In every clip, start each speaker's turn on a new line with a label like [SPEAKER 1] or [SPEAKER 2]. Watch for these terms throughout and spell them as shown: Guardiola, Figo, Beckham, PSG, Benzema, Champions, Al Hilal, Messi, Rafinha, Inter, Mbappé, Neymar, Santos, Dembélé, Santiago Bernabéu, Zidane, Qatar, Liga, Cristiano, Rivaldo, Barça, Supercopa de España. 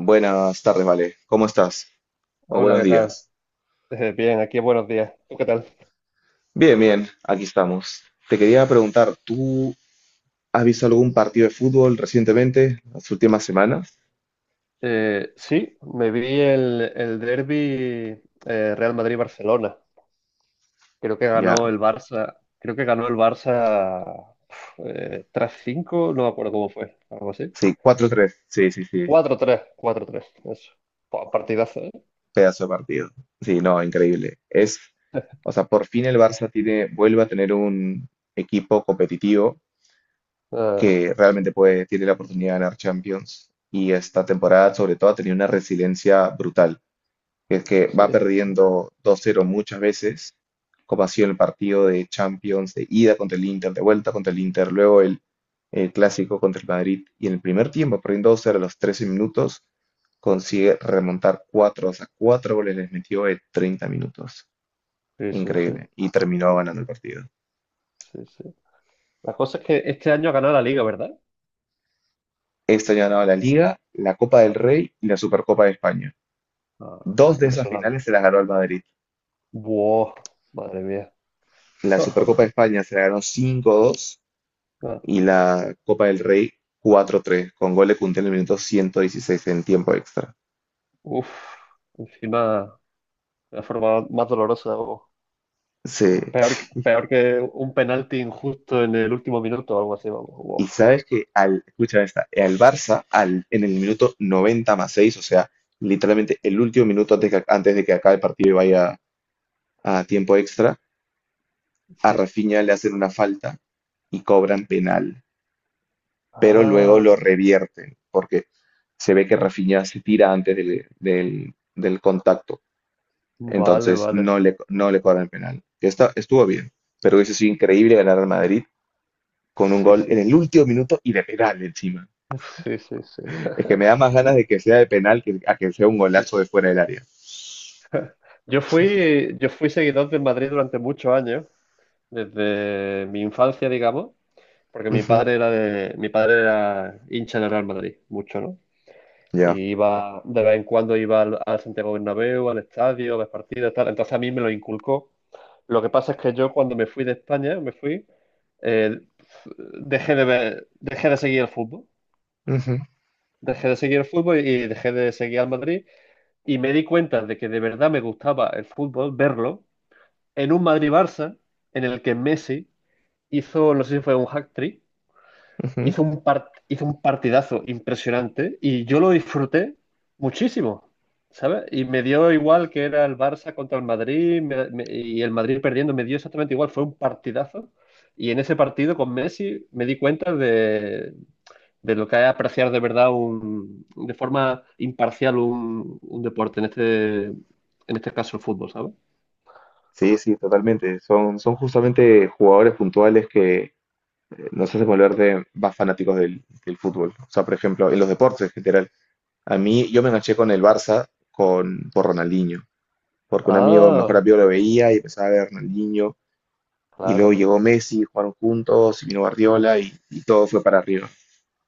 [SPEAKER 1] Buenas tardes, Vale. ¿Cómo estás? O
[SPEAKER 2] Hola,
[SPEAKER 1] buenos
[SPEAKER 2] ¿qué tal?
[SPEAKER 1] días.
[SPEAKER 2] Bien, aquí buenos días. ¿Tú qué tal?
[SPEAKER 1] Bien, bien, aquí estamos. Te quería preguntar, ¿tú has visto algún partido de fútbol recientemente, las últimas semanas?
[SPEAKER 2] Sí, me vi el derbi Real Madrid-Barcelona. Creo que
[SPEAKER 1] Ya.
[SPEAKER 2] ganó el Barça. Creo que ganó el Barça, 3-5, no me acuerdo cómo fue, algo así.
[SPEAKER 1] Sí, 4-3. Sí, sí, sí.
[SPEAKER 2] Cuatro tres. Cuatro tres. Eso. Buah, partidazo, ¿eh?
[SPEAKER 1] Pedazo de partido. Sí, no, increíble. O sea, por fin el Barça tiene, vuelve a tener un equipo competitivo
[SPEAKER 2] Ah,
[SPEAKER 1] que realmente puede, tiene la oportunidad de ganar Champions. Y esta temporada, sobre todo, ha tenido una resiliencia brutal, que es que
[SPEAKER 2] sí,
[SPEAKER 1] va perdiendo 2-0 muchas veces, como ha sido el partido de Champions de ida contra el Inter, de vuelta contra el Inter, luego el clásico contra el Madrid, y en el primer tiempo, perdiendo 2-0 a los 13 minutos, consigue remontar 4, o sea, 4 goles les metió en 30 minutos.
[SPEAKER 2] sí, sí, sí,
[SPEAKER 1] Increíble. Y terminó ganando el partido.
[SPEAKER 2] sí, sí. La cosa es que este año ha ganado la Liga, ¿verdad?
[SPEAKER 1] Este año ha la Liga, la Copa del Rey y la Supercopa de España.
[SPEAKER 2] Ah,
[SPEAKER 1] Dos
[SPEAKER 2] sí,
[SPEAKER 1] de
[SPEAKER 2] me
[SPEAKER 1] esas finales
[SPEAKER 2] sonaba.
[SPEAKER 1] se las ganó el Madrid.
[SPEAKER 2] Buah, madre mía.
[SPEAKER 1] La Supercopa de España se la ganó 5-2
[SPEAKER 2] Ah,
[SPEAKER 1] y la Copa del Rey 4-3 con gol de Kunté en el minuto 116 en tiempo extra.
[SPEAKER 2] uf, encima. La forma más dolorosa, vamos.
[SPEAKER 1] Sí.
[SPEAKER 2] Peor, peor que un penalti injusto en el último minuto o algo así, vamos.
[SPEAKER 1] Y
[SPEAKER 2] Uf,
[SPEAKER 1] sabes que escucha esta, al Barça en el minuto 90+6, o sea, literalmente el último minuto antes, antes de que acabe el partido y vaya a tiempo extra, a
[SPEAKER 2] sí.
[SPEAKER 1] Rafinha le hacen una falta y cobran penal, pero luego lo
[SPEAKER 2] Ah,
[SPEAKER 1] revierten porque se ve que Rafinha se tira antes del, del contacto.
[SPEAKER 2] vale,
[SPEAKER 1] Entonces
[SPEAKER 2] vale.
[SPEAKER 1] no le cobran penal. Que estuvo bien, pero hubiese sido increíble ganar al Madrid con un
[SPEAKER 2] Sí,
[SPEAKER 1] gol
[SPEAKER 2] sí,
[SPEAKER 1] en el
[SPEAKER 2] sí.
[SPEAKER 1] último minuto y de penal encima.
[SPEAKER 2] Sí, sí, sí.
[SPEAKER 1] Es que me da más
[SPEAKER 2] Yo,
[SPEAKER 1] ganas de que sea de penal que a que sea un golazo de fuera del área.
[SPEAKER 2] yo fui seguidor del Madrid durante muchos años, desde mi infancia, digamos, porque mi
[SPEAKER 1] Ujú,
[SPEAKER 2] padre era de, mi padre era hincha del Real Madrid, mucho, ¿no?
[SPEAKER 1] ya.
[SPEAKER 2] Y iba, de vez en cuando iba al, al Santiago Bernabéu, al estadio, a las partidas, tal. Entonces a mí me lo inculcó. Lo que pasa es que yo, cuando me fui de España, me fui, eh, dejé de ver, dejé de seguir el fútbol.
[SPEAKER 1] Ujú,
[SPEAKER 2] Dejé de seguir el fútbol y dejé de seguir al Madrid. Y me di cuenta de que de verdad me gustaba el fútbol, verlo, en un Madrid-Barça, en el que Messi hizo, no sé si fue un hat-trick,
[SPEAKER 1] ujú.
[SPEAKER 2] hizo un partidazo impresionante, y yo lo disfruté muchísimo, ¿sabes? Y me dio igual que era el Barça contra el Madrid, y el Madrid perdiendo, me dio exactamente igual, fue un partidazo. Y en ese partido con Messi me di cuenta de lo que es apreciar de verdad un, de forma imparcial un deporte, en este caso el fútbol, ¿sabes?
[SPEAKER 1] Sí, sí, totalmente. Son justamente jugadores puntuales que nos hacen volverte más fanáticos del fútbol. O sea, por ejemplo, en los deportes en general. A mí, yo me enganché con el Barça con, por Ronaldinho, porque un amigo, mejor
[SPEAKER 2] Ah,
[SPEAKER 1] amigo lo veía y empezaba a ver Ronaldinho. Y
[SPEAKER 2] claro.
[SPEAKER 1] luego llegó Messi, jugaron juntos, y vino Guardiola y todo fue para arriba.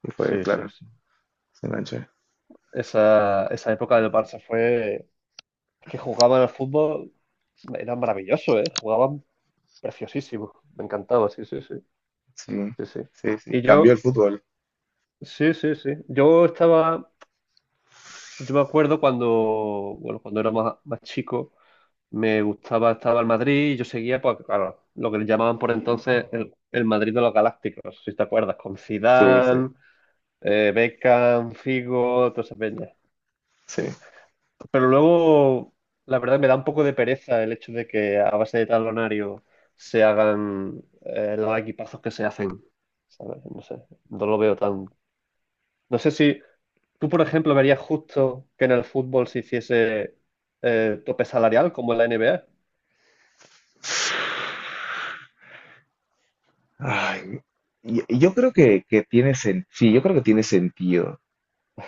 [SPEAKER 1] Y fue,
[SPEAKER 2] Sí, sí,
[SPEAKER 1] claro,
[SPEAKER 2] sí.
[SPEAKER 1] se enganchó.
[SPEAKER 2] Esa época del Barça fue... Es que jugaban al fútbol, era maravilloso, ¿eh? Jugaban preciosísimo. Me encantaba, sí, sí, sí,
[SPEAKER 1] Sí,
[SPEAKER 2] sí, sí.
[SPEAKER 1] sí, sí.
[SPEAKER 2] Y
[SPEAKER 1] Cambió el
[SPEAKER 2] yo,
[SPEAKER 1] fútbol.
[SPEAKER 2] sí, sí, sí. Yo estaba, yo me acuerdo cuando, bueno, cuando era más, más chico, me gustaba, estaba el Madrid y yo seguía, pues, claro, lo que le llamaban por entonces el Madrid de los Galácticos, si te acuerdas, con
[SPEAKER 1] Sí, sí,
[SPEAKER 2] Zidane, Beckham, Figo, toda esa peña.
[SPEAKER 1] sí.
[SPEAKER 2] Sí. Pero luego, la verdad, me da un poco de pereza el hecho de que a base de talonario se hagan, los equipazos que se hacen. ¿Sabes? No sé, no lo veo tan... No sé si tú, por ejemplo, verías justo que en el fútbol se hiciese, tope salarial como en la NBA.
[SPEAKER 1] Ay, y yo creo sí, yo creo que tiene sentido.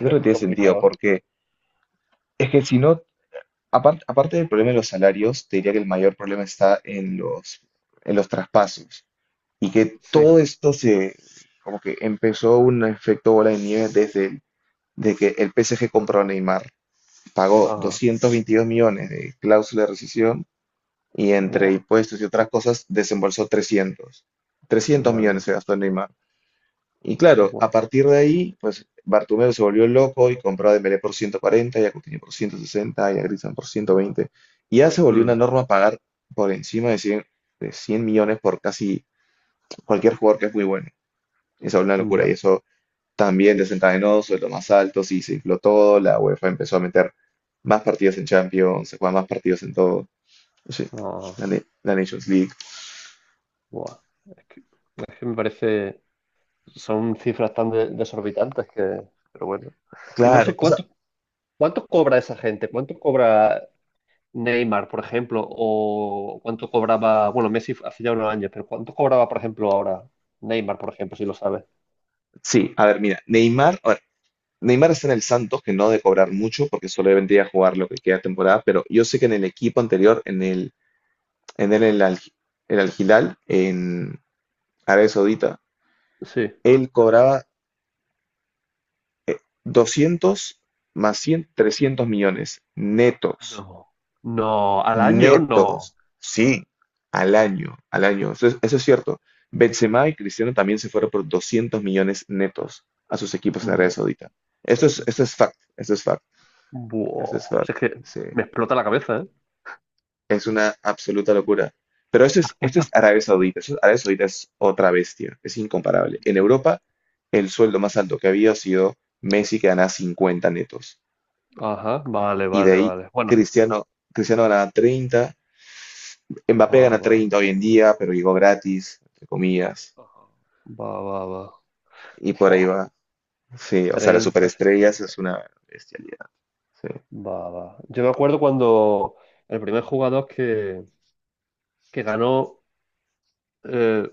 [SPEAKER 1] Yo creo que
[SPEAKER 2] Es
[SPEAKER 1] tiene sentido
[SPEAKER 2] complicado.
[SPEAKER 1] porque es que si no, aparte del problema de los salarios, te diría que el mayor problema está en los traspasos. Y que
[SPEAKER 2] Sí.
[SPEAKER 1] todo esto como que empezó un efecto bola de nieve de que el PSG compró a Neymar, pagó
[SPEAKER 2] Ajá.
[SPEAKER 1] 222 millones de cláusula de rescisión y entre
[SPEAKER 2] Buah,
[SPEAKER 1] impuestos y otras cosas desembolsó 300. 300
[SPEAKER 2] madre
[SPEAKER 1] millones
[SPEAKER 2] mía.
[SPEAKER 1] se gastó en Neymar. Y claro,
[SPEAKER 2] Buah.
[SPEAKER 1] a partir de ahí, pues Bartomeu se volvió loco y compró a Dembélé por 140, y a Coutinho por 160 y a Griezmann por 120. Y ya se volvió
[SPEAKER 2] Mm,
[SPEAKER 1] una norma pagar por encima de 100, de 100 millones por casi cualquier jugador que es muy bueno. Esa es una locura y
[SPEAKER 2] ya.
[SPEAKER 1] eso también desencadenó sueldos más altos y se infló todo. La UEFA empezó a meter más partidos en Champions, se juegan más partidos en todo. Sí,
[SPEAKER 2] Ah,
[SPEAKER 1] la Nations League.
[SPEAKER 2] buah. Es que, es que me parece... Son cifras tan desorbitantes que, pero bueno. Y no sé
[SPEAKER 1] Claro, o sea,
[SPEAKER 2] cuánto, cuánto cobra esa gente, cuánto cobra Neymar, por ejemplo, o cuánto cobraba, bueno, Messi hace ya unos años, pero cuánto cobraba, por ejemplo, ahora Neymar, por ejemplo, si lo sabes.
[SPEAKER 1] sí. A ver, mira, Neymar, a ver, Neymar está en el Santos, que no de cobrar mucho, porque solo vendría a jugar lo que queda de temporada, pero yo sé que en el equipo anterior, en el Al Hilal, en Arabia Saudita,
[SPEAKER 2] Sí.
[SPEAKER 1] él cobraba 200 más 100, 300 millones netos.
[SPEAKER 2] No. No, al año
[SPEAKER 1] Netos,
[SPEAKER 2] no.
[SPEAKER 1] sí, al año, al año. Eso es cierto. Benzema y Cristiano también se fueron por 200 millones netos a sus equipos en Arabia
[SPEAKER 2] Mm,
[SPEAKER 1] Saudita. Esto es fact, esto es fact, esto es
[SPEAKER 2] buah,
[SPEAKER 1] fact.
[SPEAKER 2] si es que
[SPEAKER 1] Sí,
[SPEAKER 2] me explota la cabeza, ¿eh?
[SPEAKER 1] es una absoluta locura. Pero esto es Arabia Saudita. Arabia Saudita es otra bestia, es incomparable. En
[SPEAKER 2] Mm.
[SPEAKER 1] Europa, el sueldo más alto que había sido Messi, que ganaba 50 netos.
[SPEAKER 2] Ajá, vale,
[SPEAKER 1] Y de
[SPEAKER 2] vale,
[SPEAKER 1] ahí
[SPEAKER 2] vale. Bueno,
[SPEAKER 1] Cristiano, Cristiano ganaba 30, Mbappé
[SPEAKER 2] ah,
[SPEAKER 1] gana
[SPEAKER 2] vale.
[SPEAKER 1] 30 hoy en día, pero llegó gratis, entre comillas,
[SPEAKER 2] Ajá. Va, va, va.
[SPEAKER 1] y por ahí
[SPEAKER 2] Fua,
[SPEAKER 1] va. Sí, o sea, las
[SPEAKER 2] 30,
[SPEAKER 1] superestrellas
[SPEAKER 2] 50.
[SPEAKER 1] es una bestialidad. Sí,
[SPEAKER 2] Va, va. Yo me acuerdo cuando el primer jugador que ganó, eh,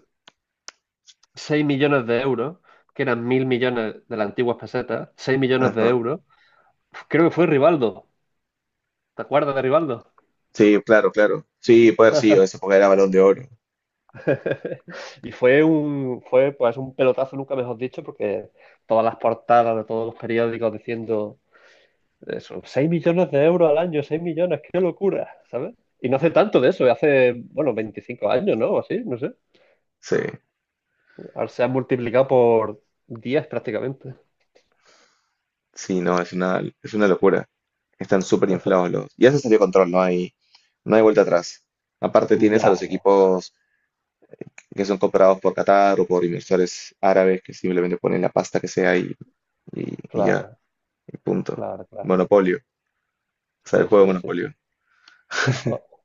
[SPEAKER 2] 6 millones de euros, que eran 1.000 millones de las antiguas pesetas, 6 millones de
[SPEAKER 1] ajá.
[SPEAKER 2] euros, creo que fue Rivaldo. ¿Te acuerdas de Rivaldo?
[SPEAKER 1] Sí, claro, claro. Sí, puede haber sido, esa época era Balón de Oro.
[SPEAKER 2] Y fue un, fue pues un pelotazo, nunca mejor dicho, porque todas las portadas de todos los periódicos diciendo eso, 6 millones de euros al año, 6 millones, qué locura, ¿sabes? Y no hace tanto de eso, hace, bueno, 25 años, ¿no? O así, no sé.
[SPEAKER 1] Sí,
[SPEAKER 2] Ahora se sea, multiplicado por 10 prácticamente.
[SPEAKER 1] sí, no, es una locura. Están súper inflados los. Ya se salió de control, no hay vuelta atrás. Aparte tienes a
[SPEAKER 2] Ya,
[SPEAKER 1] los
[SPEAKER 2] ya,
[SPEAKER 1] equipos que son comprados por Qatar o por inversores árabes que simplemente ponen la pasta que sea y ya,
[SPEAKER 2] claro,
[SPEAKER 1] y punto.
[SPEAKER 2] claro, claro.
[SPEAKER 1] Monopolio, o sea, el
[SPEAKER 2] Sí,
[SPEAKER 1] juego
[SPEAKER 2] sí,
[SPEAKER 1] de
[SPEAKER 2] sí.
[SPEAKER 1] Monopolio.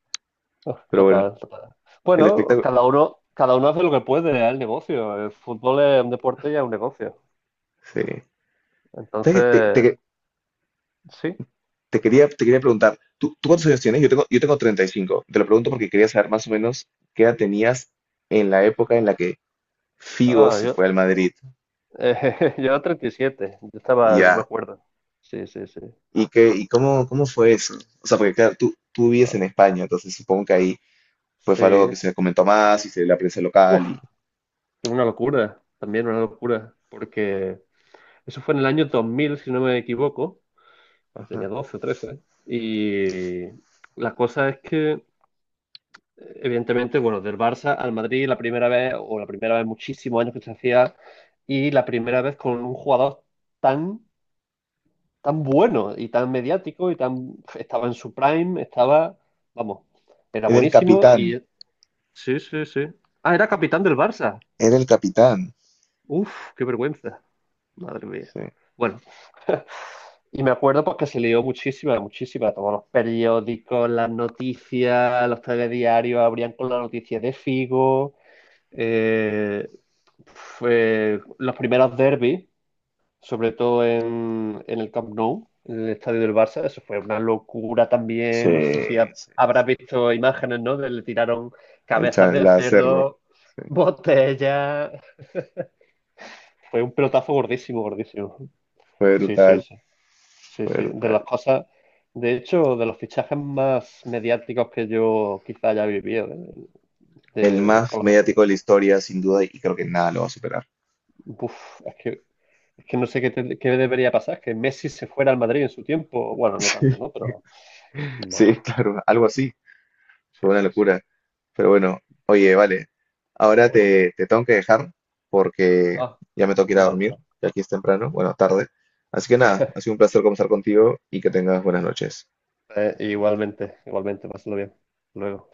[SPEAKER 1] Pero bueno,
[SPEAKER 2] Total, total.
[SPEAKER 1] el
[SPEAKER 2] Bueno,
[SPEAKER 1] espectáculo.
[SPEAKER 2] cada uno hace lo que puede, es el negocio. El fútbol es un deporte y es un negocio.
[SPEAKER 1] Sí. ¿Sabes qué? Te,
[SPEAKER 2] Entonces,
[SPEAKER 1] te-
[SPEAKER 2] sí.
[SPEAKER 1] te quería, te quería preguntar, ¿tú cuántos años tienes? Yo tengo 35. Te lo pregunto porque quería saber más o menos qué edad tenías en la época en la que Figo
[SPEAKER 2] Ah,
[SPEAKER 1] se
[SPEAKER 2] yo,
[SPEAKER 1] fue al Madrid.
[SPEAKER 2] yo era 7, yo
[SPEAKER 1] Y
[SPEAKER 2] estaba, yo me
[SPEAKER 1] ya.
[SPEAKER 2] acuerdo. Sí, sí, sí.
[SPEAKER 1] ¿Cómo fue eso? O sea, porque claro, tú vives en España, entonces supongo que ahí pues
[SPEAKER 2] Sí.
[SPEAKER 1] fue algo que se comentó más y se la prensa
[SPEAKER 2] Uf,
[SPEAKER 1] local y.
[SPEAKER 2] una locura, también una locura, porque eso fue en el año 2000, si no me equivoco. Yo tenía
[SPEAKER 1] Ajá.
[SPEAKER 2] 12, 13 Y la cosa es que, evidentemente, bueno, del Barça al Madrid la primera vez, o la primera vez muchísimos años que se hacía, y la primera vez con un jugador tan, tan bueno y tan mediático y tan... Estaba en su prime, estaba, vamos, era
[SPEAKER 1] Era el
[SPEAKER 2] buenísimo
[SPEAKER 1] capitán.
[SPEAKER 2] y... Sí, sí, sí. Ah, era capitán del Barça.
[SPEAKER 1] Era el capitán.
[SPEAKER 2] Uf, qué vergüenza. Madre mía.
[SPEAKER 1] Sí.
[SPEAKER 2] Bueno. Y me acuerdo porque se leyó muchísima, muchísima. Todos los periódicos, las noticias, los telediarios abrían con la noticia de Figo. eh, Fue los primeros derbis, sobre todo en el Camp Nou, en el estadio del Barça. Eso fue una locura
[SPEAKER 1] Sí,
[SPEAKER 2] también. No sé si
[SPEAKER 1] sí,
[SPEAKER 2] habrás
[SPEAKER 1] sí.
[SPEAKER 2] visto imágenes, ¿no? De le tiraron
[SPEAKER 1] El
[SPEAKER 2] cabezas
[SPEAKER 1] chan-
[SPEAKER 2] de
[SPEAKER 1] la hacerlo.
[SPEAKER 2] cerdo, botellas. Fue un pelotazo gordísimo, gordísimo.
[SPEAKER 1] Fue
[SPEAKER 2] Sí, sí,
[SPEAKER 1] brutal.
[SPEAKER 2] sí. Sí, sí, de
[SPEAKER 1] Verdad.
[SPEAKER 2] las cosas, de hecho, de los fichajes más mediáticos que yo quizá haya vivido, de,
[SPEAKER 1] El
[SPEAKER 2] de-
[SPEAKER 1] más
[SPEAKER 2] por lo menos-
[SPEAKER 1] mediático de la historia, sin duda, y creo que nada lo va a superar.
[SPEAKER 2] uf, es que no sé qué, qué debería pasar, que Messi se fuera al Madrid en su tiempo, bueno, no
[SPEAKER 1] Sí.
[SPEAKER 2] tanto, ¿no? Pero, bueno,
[SPEAKER 1] Sí, claro, algo así.
[SPEAKER 2] sí,
[SPEAKER 1] Fue una
[SPEAKER 2] sí, sí.
[SPEAKER 1] locura. Pero bueno, oye, vale. Ahora
[SPEAKER 2] Uy,
[SPEAKER 1] te tengo que dejar porque
[SPEAKER 2] ah,
[SPEAKER 1] ya me tengo que ir a
[SPEAKER 2] vale,
[SPEAKER 1] dormir.
[SPEAKER 2] vale.
[SPEAKER 1] Ya aquí es temprano, bueno, tarde. Así que nada, ha sido un placer conversar contigo y que tengas buenas noches.
[SPEAKER 2] Igualmente, igualmente, pásalo bien. Luego.